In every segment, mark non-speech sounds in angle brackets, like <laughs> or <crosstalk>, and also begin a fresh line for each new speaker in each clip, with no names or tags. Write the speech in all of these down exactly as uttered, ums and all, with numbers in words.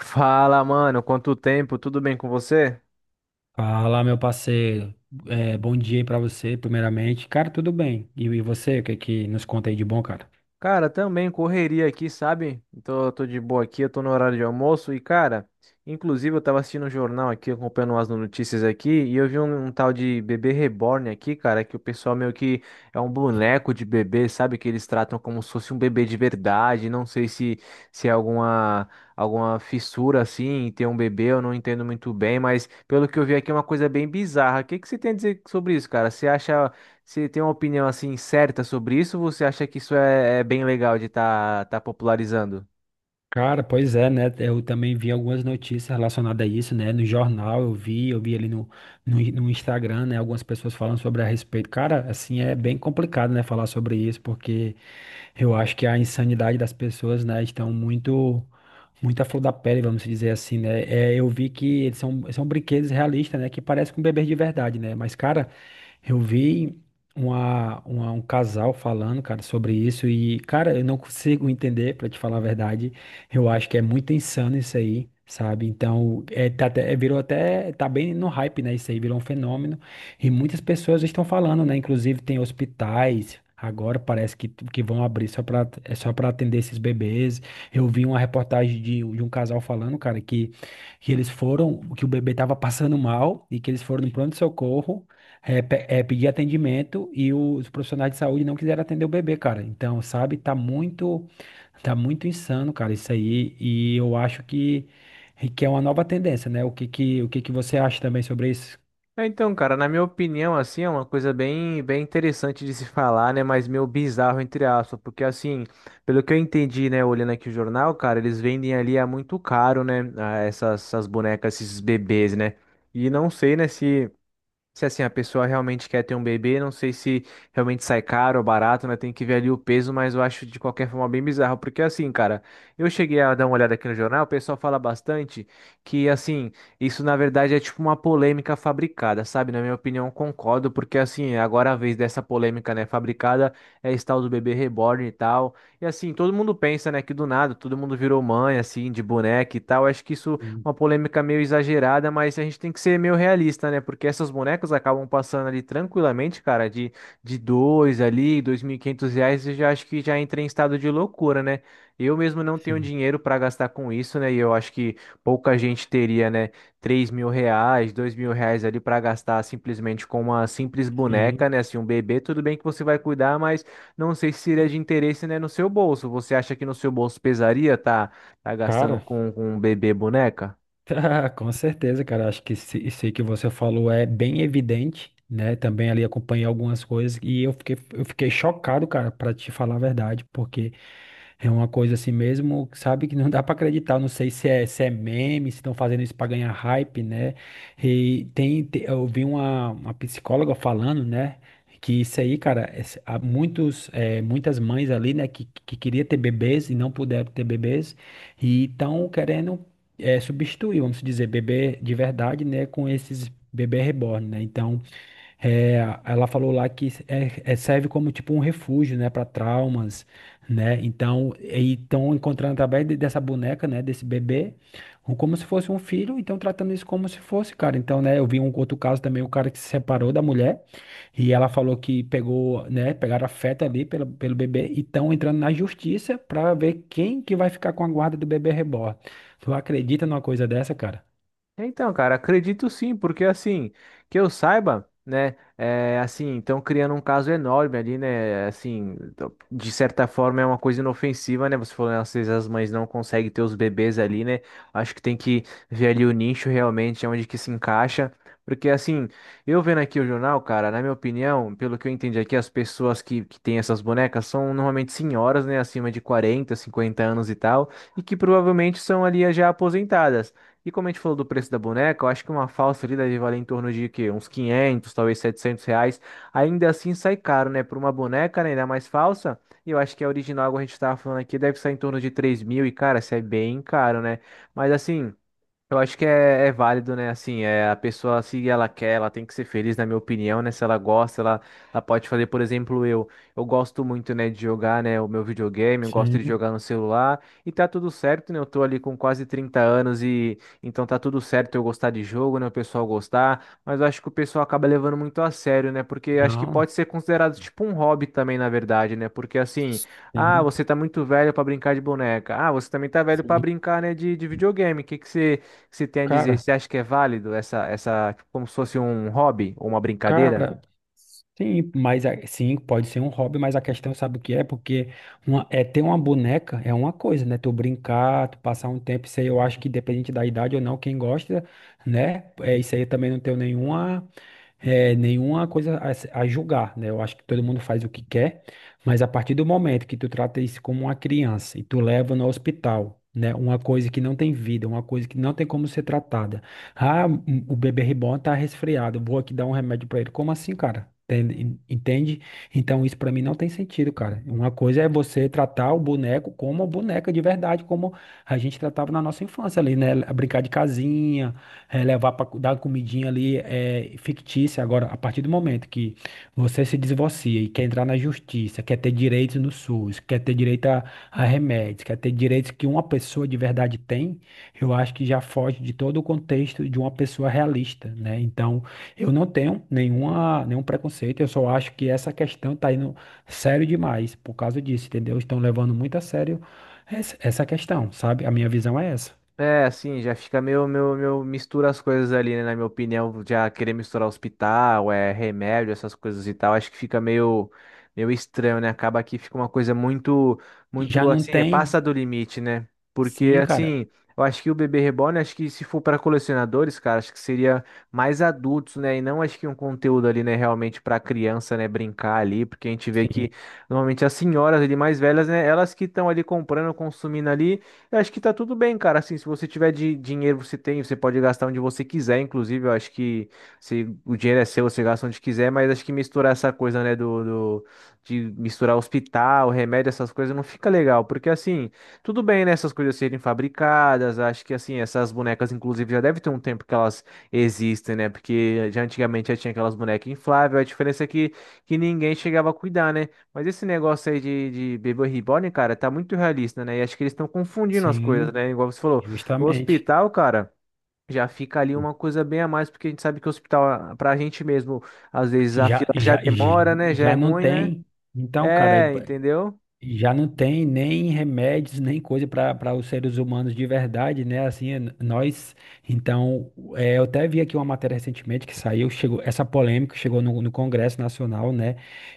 Fala, mano, quanto tempo? Tudo bem com você?
Fala, meu parceiro. É, bom dia aí pra você, primeiramente. Cara, tudo bem. E, e você, o que que nos conta aí de bom, cara?
Cara, também correria aqui, sabe? Tô, tô de boa aqui, eu tô no horário de almoço e, cara, inclusive eu tava assistindo o jornal aqui, acompanhando as notícias aqui, e eu vi um, um tal de bebê reborn aqui, cara, que o pessoal meio que é um boneco de bebê, sabe? Que eles tratam como se fosse um bebê de verdade, não sei se, se é alguma, alguma fissura assim em ter um bebê, eu não entendo muito bem, mas pelo que eu vi aqui é uma coisa bem bizarra. O que que você tem a dizer sobre isso, cara? Você acha. Você tem uma opinião assim certa sobre isso? Ou você acha que isso é, é bem legal de estar tá, tá popularizando?
Cara, pois é, né? Eu também vi algumas notícias relacionadas a isso, né? No jornal eu vi, eu vi ali no, no, no Instagram, né? Algumas pessoas falando sobre a respeito. Cara, assim, é bem complicado, né? Falar sobre isso, porque eu acho que a insanidade das pessoas, né? Estão muito, muito à flor da pele, vamos dizer assim, né? É, eu vi que eles são, são brinquedos realistas, né? Que parecem com bebês de verdade, né? Mas, cara, eu vi uma, uma- um casal falando, cara, sobre isso e, cara, eu não consigo entender, pra te falar a verdade. Eu acho que é muito insano isso aí, sabe? Então, é, tá até- é, virou até, tá bem no hype, né? Isso aí virou um fenômeno e muitas pessoas estão falando, né? Inclusive tem hospitais agora parece que, que vão abrir só para é só para atender esses bebês. Eu vi uma reportagem de, de um casal falando, cara, que, que eles foram, que o bebê tava passando mal e que eles foram no pronto-socorro é, pe- é, pedir atendimento e os profissionais de saúde não quiseram atender o bebê, cara. Então, sabe? Tá muito Tá muito insano, cara, isso aí, e eu acho que que é uma nova tendência, né? O que que, o que que você acha também sobre isso?
É, então, cara, na minha opinião, assim, é uma coisa bem, bem interessante de se <laughs> falar, né? Mas meio bizarro, entre aspas, porque assim, pelo que eu entendi, né, olhando aqui o jornal, cara, eles vendem ali a muito caro, né? a Essas, essas bonecas, esses bebês, né? E não sei, né, se se assim a pessoa realmente quer ter um bebê, não sei se realmente sai caro ou barato, né? Tem que ver ali o peso, mas eu acho de qualquer forma bem bizarro, porque assim, cara, eu cheguei a dar uma olhada aqui no jornal, o pessoal fala bastante que assim, isso na verdade é tipo uma polêmica fabricada, sabe? Na minha opinião, concordo, porque assim, agora a vez dessa polêmica, né, fabricada é esse tal do bebê reborn e tal. E assim, todo mundo pensa, né, que do nada todo mundo virou mãe assim, de boneca e tal. Acho que isso
Sim,
uma polêmica meio exagerada, mas a gente tem que ser meio realista, né? Porque essas bonecas acabam passando ali tranquilamente, cara, de, de dois ali, dois mil e quinhentos reais, eu já acho que já entra em estado de loucura, né? Eu mesmo não tenho
sim,
dinheiro para gastar com isso, né? E eu acho que pouca gente teria, né, três mil reais, dois mil reais ali para gastar simplesmente com uma simples
sim.
boneca, né? Assim, um bebê, tudo bem que você vai cuidar, mas não sei se seria de interesse, né, no seu bolso. Você acha que no seu bolso pesaria, tá? Tá gastando
Cara,
com,
<laughs>
com um bebê boneca?
Tá, com certeza, cara. Acho que se- isso aí que você falou é bem evidente, né? Também ali acompanhei algumas coisas e eu fiquei, eu fiquei chocado, cara, pra te falar a verdade, porque é uma coisa assim mesmo, sabe, que não dá pra acreditar. Eu não sei se é, se é meme, se estão fazendo isso pra ganhar hype, né? E tem, te- eu vi uma, uma psicóloga falando, né? Que isso aí, cara, esse- há muitos, eh, muitas mães ali, né, que, que queria ter bebês e não puderam ter bebês, e estão querendo eh, substituir, vamos dizer, bebê de verdade, né, com esses bebê reborn, né? Então, é, ela falou lá que é- é- serve como tipo um refúgio, né, para traumas, né? Então, e estão encontrando através de- dessa boneca, né, desse bebê, um- como se fosse um filho, então tratando isso como se fosse, cara. Então, né, eu vi um outro caso também, o cara que se separou da mulher e ela falou que pegou, né, pegaram afeto ali pelo, pelo bebê e estão entrando na justiça para ver quem que vai ficar com a guarda do bebê reborn. Tu acredita numa coisa dessa, cara?
É, então, cara, acredito sim, porque assim, que eu saiba, né, é, assim, estão criando um caso enorme ali, né, assim, do- de certa forma é uma coisa inofensiva, né, você falou, né, às vezes as mães não conseguem ter os bebês ali, né, acho que tem que ver ali o nicho realmente, onde que se encaixa, porque assim, eu vendo aqui o jornal, cara, na minha opinião, pelo que eu entendi aqui, as pessoas que, que têm essas bonecas são normalmente senhoras, né, acima de quarenta, cinquenta anos e tal, e que provavelmente são ali já aposentadas. E como a gente falou do preço da boneca, eu acho que uma falsa ali deve valer em torno de quê? Uns quinhentos, talvez setecentos reais. Ainda assim sai caro, né? Por uma boneca, né? Ainda mais falsa. E eu acho que a original, como a gente estava falando aqui, deve sair em torno de 3 mil. E, cara, isso é bem caro, né? Mas assim. Eu acho que é, é válido, né? Assim, é a pessoa, se ela quer, ela tem que ser feliz, na minha opinião, né? Se ela gosta, ela, ela pode fazer, por exemplo, eu, eu gosto muito, né, de jogar, né, o meu videogame, eu gosto de
Sim.
jogar no celular, e tá tudo certo, né? Eu tô ali com quase trinta anos e então tá tudo certo eu gostar de jogo, né? O pessoal gostar, mas eu acho que o pessoal acaba levando muito a sério, né? Porque acho que
Não,
pode ser considerado tipo um hobby também, na verdade, né? Porque assim, ah,
sim,
você tá muito velho pra brincar de boneca. Ah, você também tá velho pra
sim.
brincar, né, de, de videogame. O que que você o que você tem a dizer?
Cara.
Você acha que é válido essa, essa, tipo, como se fosse um hobby ou uma brincadeira?
Cara, sim, mas a- sim, pode ser um hobby, mas a questão sabe o que é? Porque uma, é ter uma boneca é uma coisa, né? Tu brincar, tu passar um tempo, isso aí eu acho que dependente da idade ou não, quem gosta, né? É, isso aí eu também não tenho nenhuma é, nenhuma coisa a, a julgar, né? Eu acho que todo mundo faz o que quer, mas a partir do momento que tu trata isso como uma criança e tu leva no hospital, né? Uma coisa que não tem vida, uma coisa que não tem como ser tratada. Ah, m- o bebê reborn tá resfriado, vou aqui dar um remédio pra ele. Como assim, cara? Entende? Entende? Então isso pra mim não tem sentido, cara. Uma coisa é você tratar o boneco como uma boneca de verdade, como a gente tratava na nossa infância ali, né? Brincar de casinha, é, levar para dar uma comidinha ali é fictícia. Agora, a partir do momento que você se divorcia e quer entrar na justiça, quer ter direitos no S U S, quer ter direito a, a remédios, quer ter direitos que uma pessoa de verdade tem, eu acho que já foge de todo o contexto de uma pessoa realista, né? Então, eu não tenho nenhuma, nenhum preconceito, eu só acho que essa questão tá indo sério demais por causa disso, entendeu? Estão levando muito a sério essa essa questão, sabe? A minha visão é essa.
É, assim, já fica meio, meio, meio mistura as coisas ali, né? Na minha opinião, já querer misturar hospital, é remédio, essas coisas e tal, acho que fica meio, meio estranho, né? Acaba que fica uma coisa muito,
E já
muito
não
assim, é
tem,
passa do limite, né? Porque
sim, cara.
assim, eu acho que o bebê reborn, acho que se for para colecionadores, cara, acho que seria mais adultos, né? E não acho que um conteúdo ali, né, realmente para criança, né, brincar ali, porque a gente vê
Sim,
que normalmente as senhoras ali mais velhas, né, elas que estão ali comprando, consumindo ali eu acho que tá tudo bem, cara. Assim, se você tiver de dinheiro, você tem, você pode gastar onde você quiser. Inclusive, eu acho que se o dinheiro é seu, você gasta onde quiser. Mas acho que misturar essa coisa, né, do, do- de misturar hospital, remédio, essas coisas não fica legal, porque assim, tudo bem, né, essas coisas serem fabricadas. Acho que assim, essas bonecas, inclusive, já deve ter um tempo que elas existem, né? Porque já antigamente já tinha aquelas bonecas infláveis. A diferença é que que ninguém chegava a cuidar, né? Mas esse negócio aí de, de bebê reborn, cara, tá muito realista, né? E acho que eles estão confundindo as coisas,
sim,
né? Igual você falou, o
justamente.
hospital, cara, já fica ali uma coisa bem a mais, porque a gente sabe que o hospital, ah, pra gente mesmo, às vezes a
Já,
fila já
já,
demora, né? Já é
já não
ruim, né?
tem. Então, cara,
É, entendeu?
já não tem nem remédios, nem coisa para para os seres humanos de verdade, né? Assim, n- nós. Então, é, eu até vi aqui uma matéria recentemente que saiu, chegou, essa polêmica chegou no, no Congresso Nacional, né?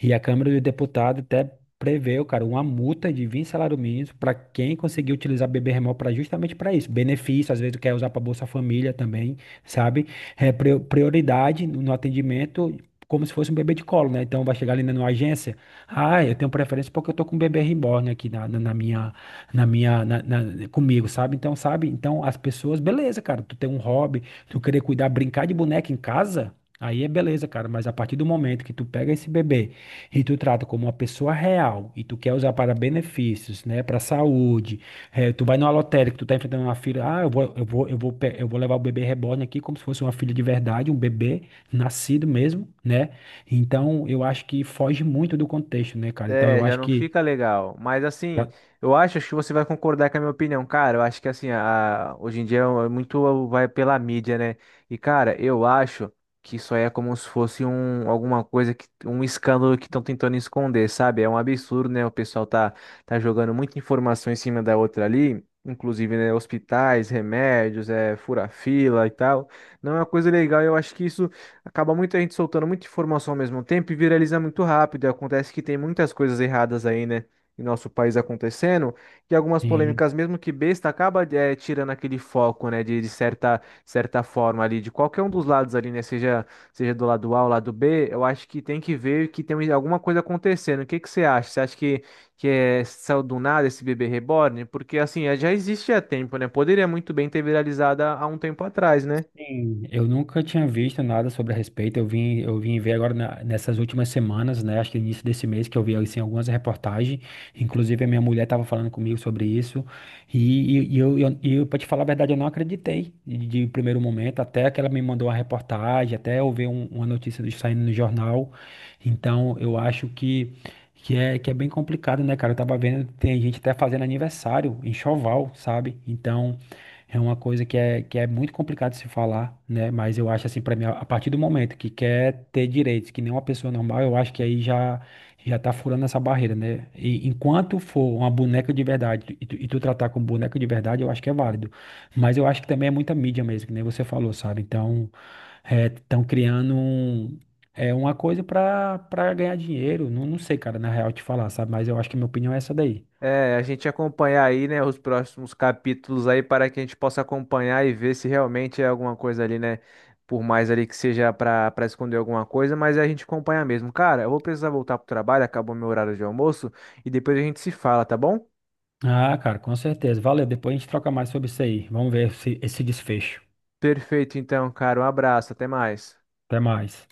E a Câmara dos Deputados até preveu, cara, uma multa de vinte salários mínimos para quem conseguir utilizar bebê remoto para justamente para isso. Benefício, às vezes quer usar para Bolsa Família também, sabe? É, prio- prioridade no no atendimento. Como se fosse um bebê de colo, né? Então vai chegar ali na numa agência. Ah, eu tenho preferência porque eu tô com um bebê reborn aqui na, na, na minha, na minha, na- na- comigo, sabe? Então, sabe? Então, as pessoas, beleza, cara, tu tem um hobby, tu querer cuidar, brincar de boneca em casa, aí é beleza, cara, mas a partir do momento que tu pega esse bebê e tu trata como uma pessoa real e tu quer usar para benefícios, né, para saúde, eh, tu vai numa lotérica, tu tá enfrentando uma filha, ah, eu vou, eu vou, eu vou, pe- eu vou levar o bebê reborn aqui como se fosse uma filha de verdade, um bebê nascido mesmo, né? Então, eu acho que foge muito do contexto, né, cara? Então,
É,
eu
já
acho
não
que.
fica legal. Mas assim, eu acho, acho que você vai concordar com a minha opinião, cara. Eu acho que assim, a- hoje em dia é muito vai pela mídia, né? E cara, eu acho que isso aí é como se fosse um alguma coisa que um escândalo que estão tentando esconder, sabe? É um absurdo, né? O pessoal tá tá jogando muita informação em cima da outra ali. Inclusive, né, hospitais, remédios, é, fura-fila e tal. Não é uma coisa legal. Eu acho que isso acaba muita gente soltando muita informação ao mesmo tempo e viraliza muito rápido. E acontece que tem muitas coisas erradas aí, né? Em nosso país acontecendo, e algumas polêmicas, mesmo que besta, acaba eh, tirando aquele foco, né? De, de certa, certa forma ali, de qualquer um dos lados ali, né? Seja, seja do lado A ou lado B, eu acho que tem que ver que tem alguma coisa acontecendo. O que que você acha? Você acha que, que é, saiu do nada esse bebê reborn? Porque assim, eh, já existe há tempo, né? Poderia muito bem ter viralizado há há um tempo atrás, né?
Sim, eu nunca tinha visto nada sobre a respeito. Eu vim, eu vim ver agora na- nessas últimas semanas, né? Acho que no início desse mês que eu vi assim, algumas reportagens. Inclusive, a minha mulher estava falando comigo sobre isso. E, e, e eu, eu, e eu, para te falar a verdade, eu não acreditei de, de primeiro momento, até que ela me mandou uma reportagem, até eu ver um- uma notícia do- saindo no jornal. Então, eu acho que, que, é, que é bem complicado, né, cara? Eu tava vendo, tem gente até fazendo aniversário em Choval, sabe? Então. É uma coisa que é, que é muito complicado de se falar, né? Mas eu acho assim, para mim, a a partir do momento que quer ter direitos, que nem uma pessoa normal, eu acho que aí já já tá furando essa barreira, né? E enquanto for uma boneca de verdade e tu, e tu tratar como boneca de verdade, eu acho que é válido. Mas eu acho que também é muita mídia mesmo, que nem você falou, sabe? Então, estão criando um- é uma coisa para para ganhar dinheiro. Não, não sei, cara, na real te falar, sabe? Mas eu acho que minha opinião é essa daí.
É, a gente acompanhar aí, né, os próximos capítulos aí para que a gente possa acompanhar e ver se realmente é alguma coisa ali, né, por mais ali que seja para para esconder alguma coisa, mas a gente acompanha mesmo. Cara, eu vou precisar voltar pro trabalho, acabou meu horário de almoço e depois a gente se fala, tá bom?
Ah, cara, com certeza. Valeu. Depois a gente troca mais sobre isso aí. Vamos ver esse, esse desfecho.
Perfeito, então, cara, um abraço, até mais.
Até mais.